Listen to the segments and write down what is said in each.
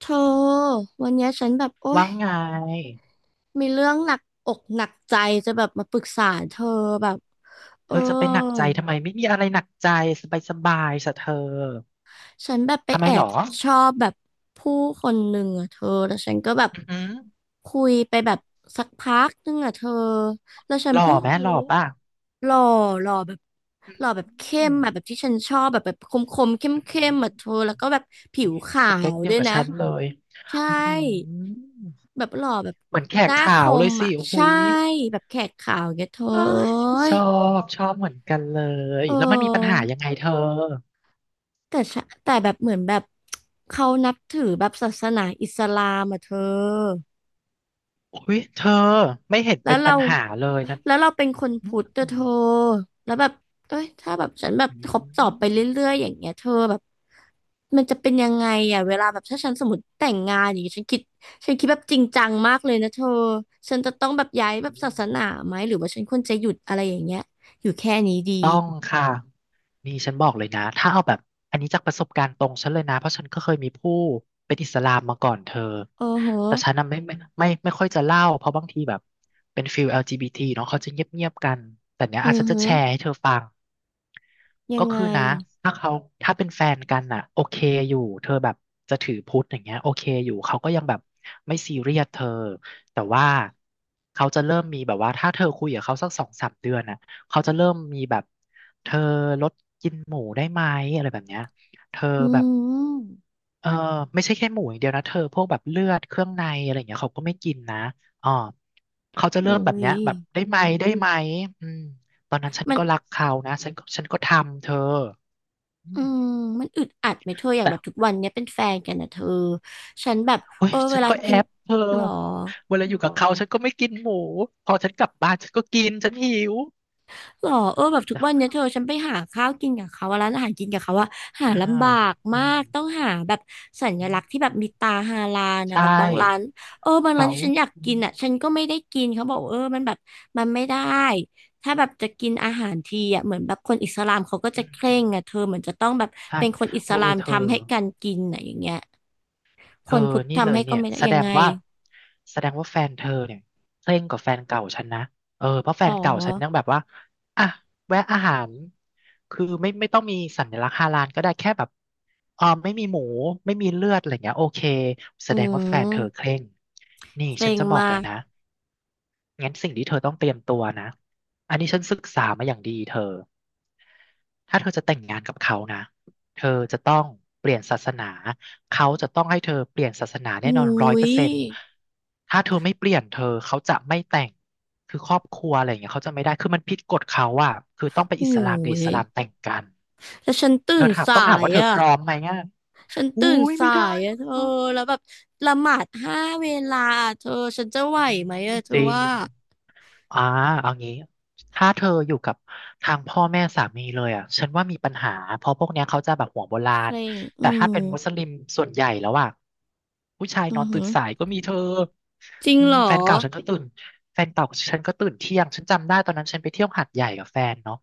เธอวันเนี้ยฉันแบบโอ๊ยว่าไงมีเรื่องหนักอกหนักใจจะแบบมาปรึกษาเธอแบบเอเธออจะไปหนักใจทำไมไม่มีอะไรหนักใจสบายสบายสะเธอฉันแบบไปทำไมแอหรบอชอบแบบผู้คนหนึ่งอะเธอแล้วฉันก็แบบอือหือคุยไปแบบสักพักหนึงอะเธอแล้วฉัหนล่อเพิ่งไหมหรู้ล่อป่ะหล่อหล่อแบบอืหล่อแบมบเข้มอะแบบที่ฉันชอบแบบแบบคมคมเข้มอือเข้มหืๆออะเธอแล้วก็แบบผิวขาสเปควเดีด้ยววยกับนะฉันเลยใช่ อือหือแบบหล่อแบบเหมือนแขหกน้าคขาวเลมยสิอ่ะโอ้โหใช่ยแบบแขกขาวอย่างเงี้ยเธออ้าเอ้ยชยอบชอบเหมือนกันเลยเแล้วมันมีปัญหาออยังไงเธอแต่แบบเหมือนแบบเขานับถือแบบศาสนาอิสลามอ่ะเธอ อุ้ยเธอไม่เห็นแล้เป็วนปัเราญหาเลยนะแล้วเราเป็นคนอืพุมทธอะเธอแล้วแบบเอ้ยถ้าแบบฉันแบบอืคบตอบไปเรมื่อยๆอย่างเงี้ยเธอแบบมันจะเป็นยังไงอ่ะเวลาแบบถ้าฉันสมมติแต่งงานอย่างเงี้ยฉันคิดแบบจริงจังมากเลยนะเธอฉันจะต้องแบบย้าอืยแบบศามสนาไหมหรือว่าฉันควรจะหยุดอะไรอย่างเงี้ยอยู่แค่นี้ดีต้องค่ะ นี่ฉันบอกเลยนะถ้าเอาแบบอันนี้จากประสบการณ์ตรงฉันเลยนะเพราะฉันก็เคยมีผู้เป็นอิสลามมาก่อนเธอโอ้โหแต่ฉันน่ะอไม่ค่อยจะเล่าเพราะบางทีแบบเป็นฟิลแอล LGBT เนาะเขาจะเงียบๆกันแต่เนี้ยอาอืจอจะหือแชร์ให้เธอฟัง ยัก็งไงคือนะถ้าเขาถ้าเป็นแฟนกันน่ะโอเคอยู่เธอแบบจะถือพุทธอย่างเงี้ยโอเคอยู่เขาก็ยังแบบไม่ซีเรียสเธอแต่ว่าเขาจะเริ่มมีแบบว่าถ้าเธอคุยกับเขาสัก2-3 เดือนน่ะเขาจะเริ่มมีแบบเธอลดกินหมูได้ไหมอะไรแบบเนี้ยเธออืแบบมเออไม่ใช่แค่หมูอย่างเดียวนะเธอพวกแบบเลือดเครื่องในอะไรอย่างเงี้ยเขาก็ไม่กินนะอ๋อเขาจะโอ้เริ่มแบบยเนี้ยแบบได้ไหมได้ไหมอืมตอนนั้นฉันมัน ก็รักเขานะ ฉันก็ทำเธอ อือืมมมันอึดอัดไหมเธออย่างแต่แบบทุกวันเนี้ยเป็นแฟนกันนะเธอฉันแบบโอ้เอยอเวฉันลาก็แอกินบเธอหรอเวลาอยู่กับเขาฉันก็ไม่กินหมูพอฉันกลับบ้านฉันก็กินฉันหิวหรอเออแบบทุกวันเนี้ยแเธอฉันไปหาข้าวกินกับเขาอะร้านอาหารกินกับเขาว่าหาอ่าลำบากอืมามกต้องหาแบบสัญอืลักษณ์ที่มแบบมีตาฮาลาลใชนะแบบบางร้า่นเออบางร้านเขาที่ฉันอยากอืกินมอ่ะฉันก็ไม่ได้กินเขาบอกเออมันแบบมันไม่ได้ถ้าแบบจะกินอาหารทีอ่ะเหมือนแบบคนอิสลามเขาก็อืจะมเคร่อืงมอ่ะเธอเหมือนจะต้องแบบใช่เป็นคนอิสโอ้ลามเธอ ทำให้กันกินอ่ะอย่างเงี้ย คเธอนพุทธนี่เลทำยให้ก็เนี่ยไม่ได้ยังไงแสดงว่าแฟนเธอเนี่ยเคร่งกว่าแฟนเก่าฉันนะเออเพราะแฟต่นเก่าฉันยังอแบบว่าอ่ะแวะอาหาร คือไม่ไม่ต้องมีสัญลักษณ์ฮาลาลก็ได้แค่แบบเออไม่มีหมูไม่มีเลือดอะไรเงี้ยโอเคแสอืดงว่าแฟนเธอเคมร่งนี่เกรฉันงจะบอกเลมายกนะงั้นสิ่งที่เธอต้องเตรียมตัวนะอันนี้ฉันศึกษามาอย่างดีเธอ ถ้าเธอจะแต่งงานกับเขานะ เธอจะต้องเปลี่ยนศาสนาเขาจะต้องให้เธอเปลี่ยนศาสนาแน่อุนอนร้อยเปอยร์เซ็นต์ถ้าเธอไม่เปลี่ยนเธอเขาจะไม่แต่งคือครอบครัวอะไรอย่างเงี้ยเขาจะไม่ได้คือมันผิดกฎเขาอะคือต้องไปโอ้อิสลามกับอิยสลามแต่งกัน แล้วฉันตื่เธอนถามสาต้องถามยว่าเธออ่ะพร้อมไหมอ่ะฉันอุ้ตื่นยไม่สาได้ยอ่ะนะเธอคะแล้วแบบละหมาดห้าเวลาเธอฉันจะไหวอืมไหมอ่ะเธจอริง ว่าอ่าเอางี้ถ้าเธออยู่กับทางพ่อแม่สามีเลยอ่ะฉันว่ามีปัญหาเพราะพวกเนี้ยเขาจะแบบหัวโบราเคณร่งอืแต่ถ้ามเป็นมุสลิมส่วนใหญ่แล้วอ่ะผู้ชายนอืออนตื่หืนอสายก็มีเธอจริงอืมเหรอแฟนเก่าฉันก็ตื่นแฟนเก่าฉันก็ตื่นเที่ยงฉันจำได้ตอนนั้นฉันไปเที่ยวหาดใหญ่กับแฟนเนาะ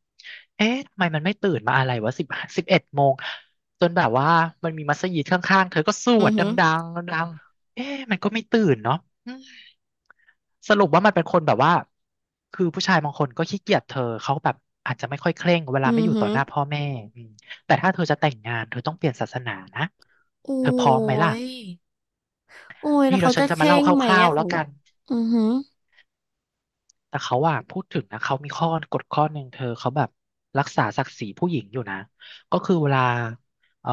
เอ๊ะทำไมมันไม่ตื่นมาอะไรวะ11 โมงจนแบบว่ามันมีมัสยิดข้างๆเธอก็สวอือดดหือังๆดังๆเอ๊ะมันก็ไม่ตื่นเนาะ สรุปว่ามันเป็นคนแบบว่าคือผู้ชายบางคนก็ขี้เกียจเธอเขาแบบอาจจะไม่ค่อยเคร่งเวอืลาไม่ออยู่หืต่ออหน้าพ่อแม่อืมแต่ถ้าเธอจะแต่งงานเธอต้องเปลี่ยนศาสนานะโอ้เธอพร้อมไหมล่ะยโอ้ยแล้นี่วเดี๋เขายวฉัจะนจะเคมาร่เล่างคไหมร่าวอะๆขแล้อวงกัน อือหือแต่เขาอะพูดถึงนะเขามีข้อกฎข้อหนึ่งเธอเขาแบบรักษาศักดิ์ศรีผู้หญิงอยู่นะก็คือเวลาเอ่อ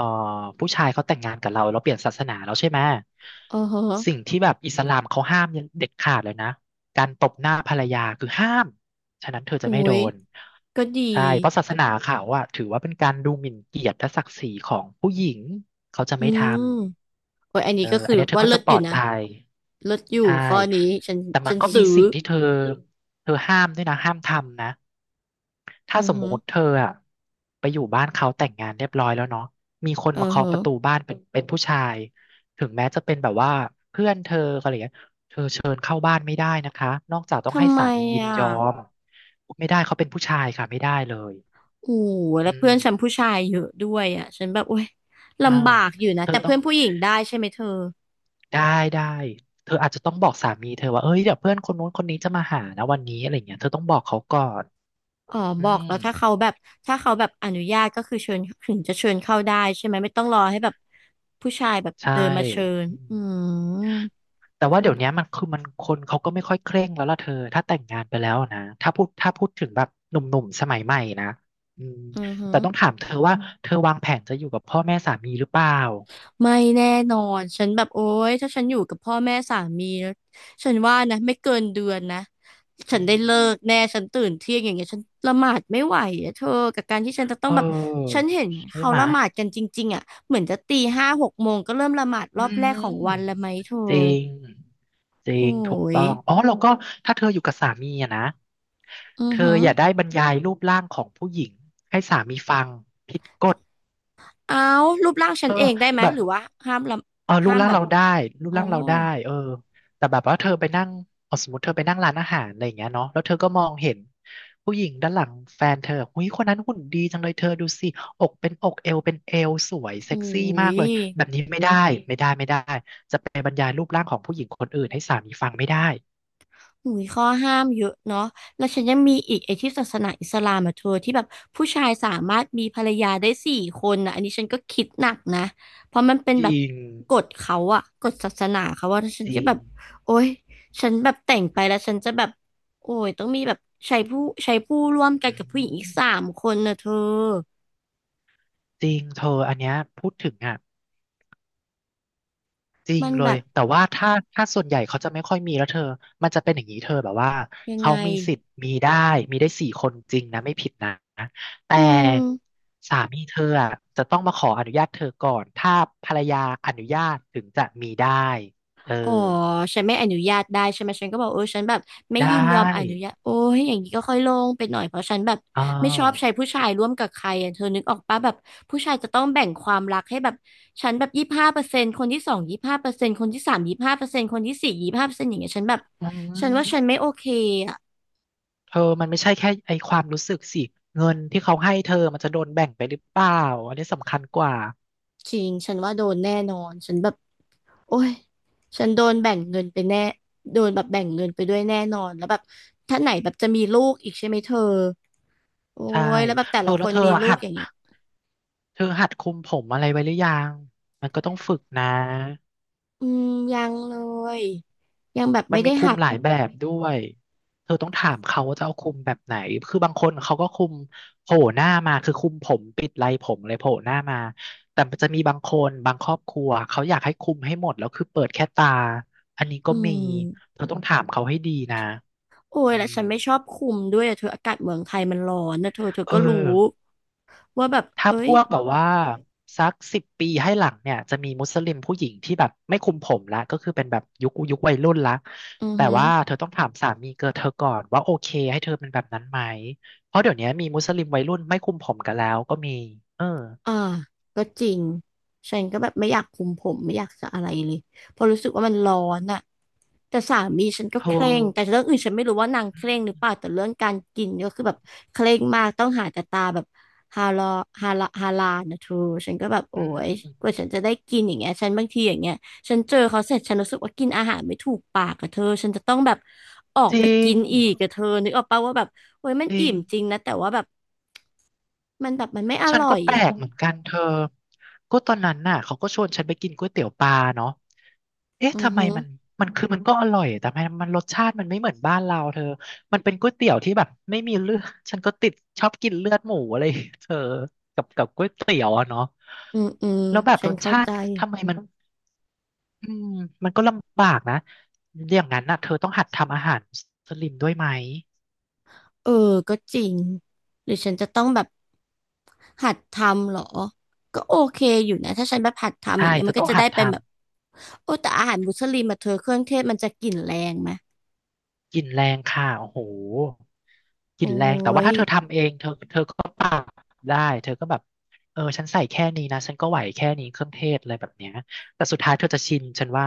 ผู้ชายเขาแต่งงานกับเราเราเปลี่ยนศาสนาแล้วใช่ไหมอ๋อฮะสิ่งที่แบบอิสลามเขาห้ามเด็ดขาดเลยนะการตบหน้าภรรยาคือห้ามฉะนั้นเธอจะโอ้ไม่โดยนก็ดี ใช่เพราะศาสนาเขาอะถือว่าเป็นการดูหมิ่นเกียรติและศักดิ์ศรีของผู้หญิงเขาจะอืไม่ทม โอ้ยอันำนี้เออก็คือัอนเนี้ยเธอว่าก็เลิจะศปอลอยู่ดนะภัยเลิศอยู่ใช่ ข้อนี้ฉันแต่มัฉันนก็มีซื้อสิ่งที่เธอเธอห้ามด้วยนะห้ามทำนะอืถ้าอสมฮึมติเธออะไปอยู่บ้านเขาแต่งงานเรียบร้อยแล้วเนาะมีคนเออมาฮึเคาะประตูบ้านเป็นผู้ชายถึงแม้จะเป็นแบบว่าเพื่อนเธออะไรอย่างเงี้ยเธอเชิญเข้าบ้านไม่ได้นะคะนอกจากต้องให้ทำไมสามียินอ่ะยอมไม่ได้เขาเป็นผู้ชายค่ะไม่ได้เลยโอ้โหอืแล้วเพื่อมนฉันผู้ชายเยอะด้วยอ่ะฉันแบบโอ้ยอ้าลำบาวกอยู่นะเธอแต่ต้อเพื่งอนผู้หญิงได้ใช่ไหมเธอได้ได้เธออาจจะต้องบอกสามีเธอว่าเอ้ยเดี๋ยวเพื่อนคนนู้นคนนี้จะมาหานะวันนี้อะไรเงี้ยเธอต้องบอกเขาก่อนอ๋ออืบอกม แล้วถ้าเขาแบบอนุญาตก็คือเชิญถึงจะเชิญเข้าได้ใช่ไหมไม่ต้องรอให้แบบผู้ชายแบบใช่เดินมาเชิญอือืมมแต่ว่าเดี๋ยวเนี้ยมันคือมันคนเขาก็ไม่ค่อยเคร่งแล้วล่ะเธอถ้าแต่งงานไปแล้วนะถ้าพูดถึงแบบหนุ่มๆสมัยใหม่นะอืมอือฮึ แต่ต้องถามเธอว่าเธอวางแผนจะอยู่กับพ่อแม่สามีหรือเปล่าไม่แน่นอน ฉันแบบโอ๊ยถ้าฉันอยู่กับพ่อแม่สามีนะฉันว่านะไม่เกินเดือนนะ ฉัอืนได้เลิมกแน่ฉันตื่นเที่ยงอย่างเงี้ยฉันละหมาดไม่ไหวอะเธอกับการที่ฉันจะต้อเงแบบฉัออนเห็นใช่เขาไหมละหมาดกันจริงๆอ่ะเหมือนจะตีห้าหกโมงก็เริ่มละหมาดรอือบแรกของมวันแล้วไหมเธอจริงจริโอ้งถูกยต้องอ๋อแล้วก็ถ้าเธออยู่กับสามีอะนะอือเธหือออย่าได้บรรยายรูปร่างของผู้หญิงให้สามีฟังผิดกฎเอารูปร่างฉัเอนอเองได้ไหมแบบ หรือว่าห้ามละเออรูห้าปมร่างแบบเราได้รูปอ๋อร่างเราได้เออแต่แบบว่าเธอไปนั่งเอาสมมติเธอไปนั่งร้านอาหารอะไรอย่างเงี้ยเนาะแล้วเธอก็มองเห็นผู้หญิงด้านหลังแฟนเธอหุ้ยคนนั้นหุ่นดีจังเลยเธอดูสิอกเป็นอกเอวเป็นเอวสวยโอ้เซ็กซี่มาย กเลยแบบนี้ไม่ได้ไม่ได้ไม่ได้จะไปบรรยายรูปร่างของผู้หญิงคนอื่นให้สามีฟังไม่ได้หุยข้อห้ามเยอะเนาะแล้วฉันยังมีอีกไอ้ที่ศาสนาอิสลามอะเธอที่แบบผู้ชายสามารถมีภรรยาได้สี่คนนะอันนี้ฉันก็คิดหนักนะเพราะมันเป็นจแบบริงกฎเขาอะกฎศาสนาเขาว่าฉันจจะริแบงบโอ๊ยฉันแบบแต่งไปแล้วฉันจะแบบโอ้ยต้องมีแบบใช้ผู้ใช้ผู้ร่วมกันอืกับผู้หญิงอีกสามมคนนะเธอจริงเธออันเนี้ยพูดถึงอ่ะ จริงมันเลแบยบแต่ว่าถ้าส่วนใหญ่เขาจะไม่ค่อยมีแล้วเธอมันจะเป็นอย่างนี้เธอแบบว่ายังเขาไงมีสิทธิ์มีได้4 คนจริงนะไม่ผิดนะแต่อืม สามีเธออะจะต้องมาขออนุญาตเธอก่อนถ้าภรรยาอนุญาตถึงจะมีได้เอออ๋อฉันไม่อนุญาตได้ใช่ไหมฉันก็บอกเออฉันแบบไม่ได้ยินยอมอนุญาตโอ้ยอย่างนี้ก็ค่อยลงไปหน่อยเพราะฉันแบบอ๋อไม่ชอบใช้ผู้ชายร่วมกับใครอ่ะเธอนึกออกปะแบบผู้ชายจะต้องแบ่งความรักให้แบบฉันแบบยี่สิบห้าเปอร์เซ็นต์คนที่สองยี่สิบห้าเปอร์เซ็นต์คนที่สามยี่สิบห้าเปอร์เซ็นต์คนที่สี่ยี่สิบห้าเปอร์เซ็นต์อย่างเงี้ยฉันแบบอืฉันมว่าฉันไม่โอเคอ่ะเธอมันไม่ใช่แค่ไอความรู้สึกสิเงินที่เขาให้เธอมันจะโดนแบ่งไปหรือเปล่าอันนี้สำคัญกว่าจริง ฉันว่าโดนแน่นอนฉันแบบโอ้ยฉันโดนแบ่งเงินไปแน่โดนแบบแบ่งเงินไปด้วยแน่นอนแล้วแบบถ้าไหนแบบจะมีลูกอีกใช่ไหมเธอ โอ้ใช่ยแล้วแบบแต่เธอละคแล้วนมีลูหักด อย่างเงี้ยเธอหัดคุมผมอะไรไว้หรือยัง มันก็ต้องฝึกนะ อืมยังเลยยังแบบมัไม่นมีได้คุหัมดหลายแบบด้วยเธอต้องถามเขาว่าจะเอาคุมแบบไหน คือบางคนเขาก็คุมโผล่หน้ามาคือคุมผมปิดไรผมเลยโผล่หน้ามาแต่มันจะมีบางคนบางครอบครัวเขาอยากให้คุมให้หมดแล้วคือเปิดแค่ตาอันนี้ก็อืมีมเธอต้องถามเขาให้ดีนะโอ้ยอืแล้วมฉันไม่ชอบคุมด้วยอะเธออากาศเมืองไทยมันร้อนนะเธอเธอเอก็อ รู้ว่าแบบถ้าเอ้พยวกแบบว่าสัก10 ปีให้หลังเนี่ยจะมีมุสลิมผู้หญิงที่แบบไม่คุมผมละก็คือเป็นแบบยุคยุควัยรุ่นละอือแต่ฮึ ว่าเธอต้องถามสามีเกิดเธอก่อนว่าโอเคให้เธอเป็นแบบนั้นไหมเพราะเดี๋ยวนี้มีมุสลิมวัยรุ่นไม่คุมผมกันแล้วก็มีเอออ่าก็จริงฉันก็แบบไม่อยากคุมผมไม่อยากจะอะไรเลยเพราะรู้สึกว่ามันร้อนอะแต่สามีฉันก็โเคร่งธแต่เรื่องอื่นฉันไม่รู้ว่านางเคร่งหรือเปอล่าแต่เรื่องการกินก็คือแบบเคร่งมากต้องหาแต่ตาแบบฮาลอฮาลาลนะเธอฉันก็แบบโอ้อืมยกว่าฉันจะได้กินอย่างเงี้ยฉันบางทีอย่างเงี้ยฉันเจอเขาเสร็จฉันรู้สึกว่ากินอาหารไม่ถูกปากกับเธอฉันจะต้องแบบออกจไปริกิงนอีกกับเธอนึกออกปะว่าแบบโอ้ยมันจริอิ่มจริงง นะแต่ว่าแบบมันแบบมันไม่อฉันร่อก็ยแปลอ่ะ กเหมือนกันเธอก็ตอนนั้นน่ะเขาก็ชวนฉันไปกินก๋วยเตี๋ยวปลาเนาะเอ๊ะอือทำไมฮึมันมันคือมันก็อร่อยแต่ทำไมมันรสชาติมันไม่เหมือนบ้านเราเธอมันเป็นก๋วยเตี๋ยวที่แบบไม่มีเลือดฉันก็ติดชอบกินเลือดหมูอะไรเธอกับกับก๋วยเตี๋ยวอะเนาะอืมอืมแล้วแบบฉัรนสเข้าชาใจติทำไมมันอืมมันก็ลำบากนะอย่างนั้นน่ะเธอต้องหัดทำอาหารมุสลิมด้วยไหมเออก็จริงหรือฉันจะต้องแบบหัดทำเหรอก็โอเคอยู่นะถ้าฉันแบบหัดทำอย่าใช่งเงี้ยเธมัอนก็ต้องจะหัได้ดเป็นแบทำ บโอ้แต่อาหารมุสลิมมาเธอเครื่องเทศมันจะกลิ่นแรงไหมกลิ่นแรงค่ะโอ้โหกโอ้ลิ่นแรงแต่ว่ายถ้าเธอทำเองเธอก็ปรับได้เธอก็แบบเออฉันใส่แค่นี้นะฉันก็ไหวแค่นี้เครื่องเทศอะไรแบบเนี้ยแต่สุดท้ายเธอจะชินฉันว่า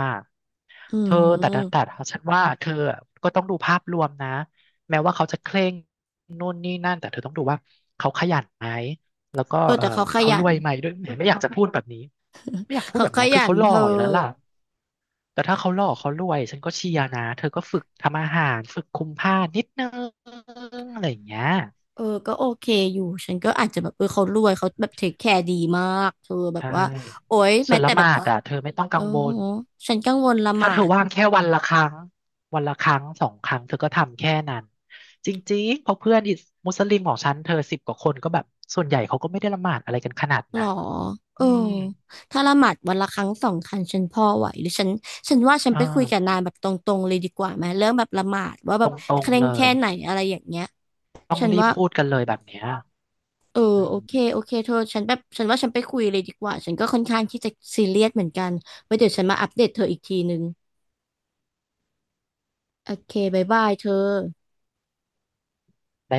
อืเธอแต่แต่มแต่ฉันว่าเธอก็ต้องดูภาพรวมนะแม้ว่าเขาจะเคร่งนู่นนี่นั่น แต่เธอต้องดูว่าเขาขยันไหมแล้วก็เออเออแต่เขาขเขายัรน วยไหมด้วยไม่อยากจะพูดแบบนี้ ไม่อยากพูดเขาแบบขเนี้ยคืยัอนเขาหล่เธอออยู่แล้วล่ะแต่ถ้าเขาหล่อเขารวยฉันก็เชียร์นะเธอก็ฝึกทำอาหารฝึกคุมผ้านิดนึงอะไรอย่างเงี้ยเออก็โอเคอยู่ฉันก็อาจจะแบบเออเขารวยเขาแบบเทคแคร์ดีมากเธอแบบใช่ว่าโอ้ยส่แม้วนแต่ละหแบมาบดอ่ะเธอไม่ต้องกัเอองวโหลฉันกังวลละหถ้ามาเธอด ว่างแค่วันละครั้งวันละครั้ง2 ครั้งเธอก็ทำแค่นั้นจริงๆเพราะเพื่อนมุสลิมของฉันเธอ10 กว่าคนก็แบบส่วนใหญ่เขาก็ไม่ได้ละหมาดอะไรกันขนาดหรนั้อนเออือมถ้าละหมาดวันละครั้งสองครั้งฉันพอไหวหรือฉันฉันว่าฉันอ่ไปคุยกับานายแบบตรงๆเลยดีกว่าไหมเรื่องแบบละหมาดว่าแบตบรเคงร่ๆงเลแค่ยไหนอะไรอย่างเงี้ยต้องฉันรีบว่าพูดกันเลยแบบเนี้ยเอออืโอเคมโอเคเธอฉันแบบฉันว่าฉันไปคุยเลยดีกว่าฉันก็ค่อนข้างที่จะซีเรียสเหมือนกันไว้เดี๋ยวฉันมาอัปเดตเธออีกทีนึงโอเคบ๊ายบายเธอได้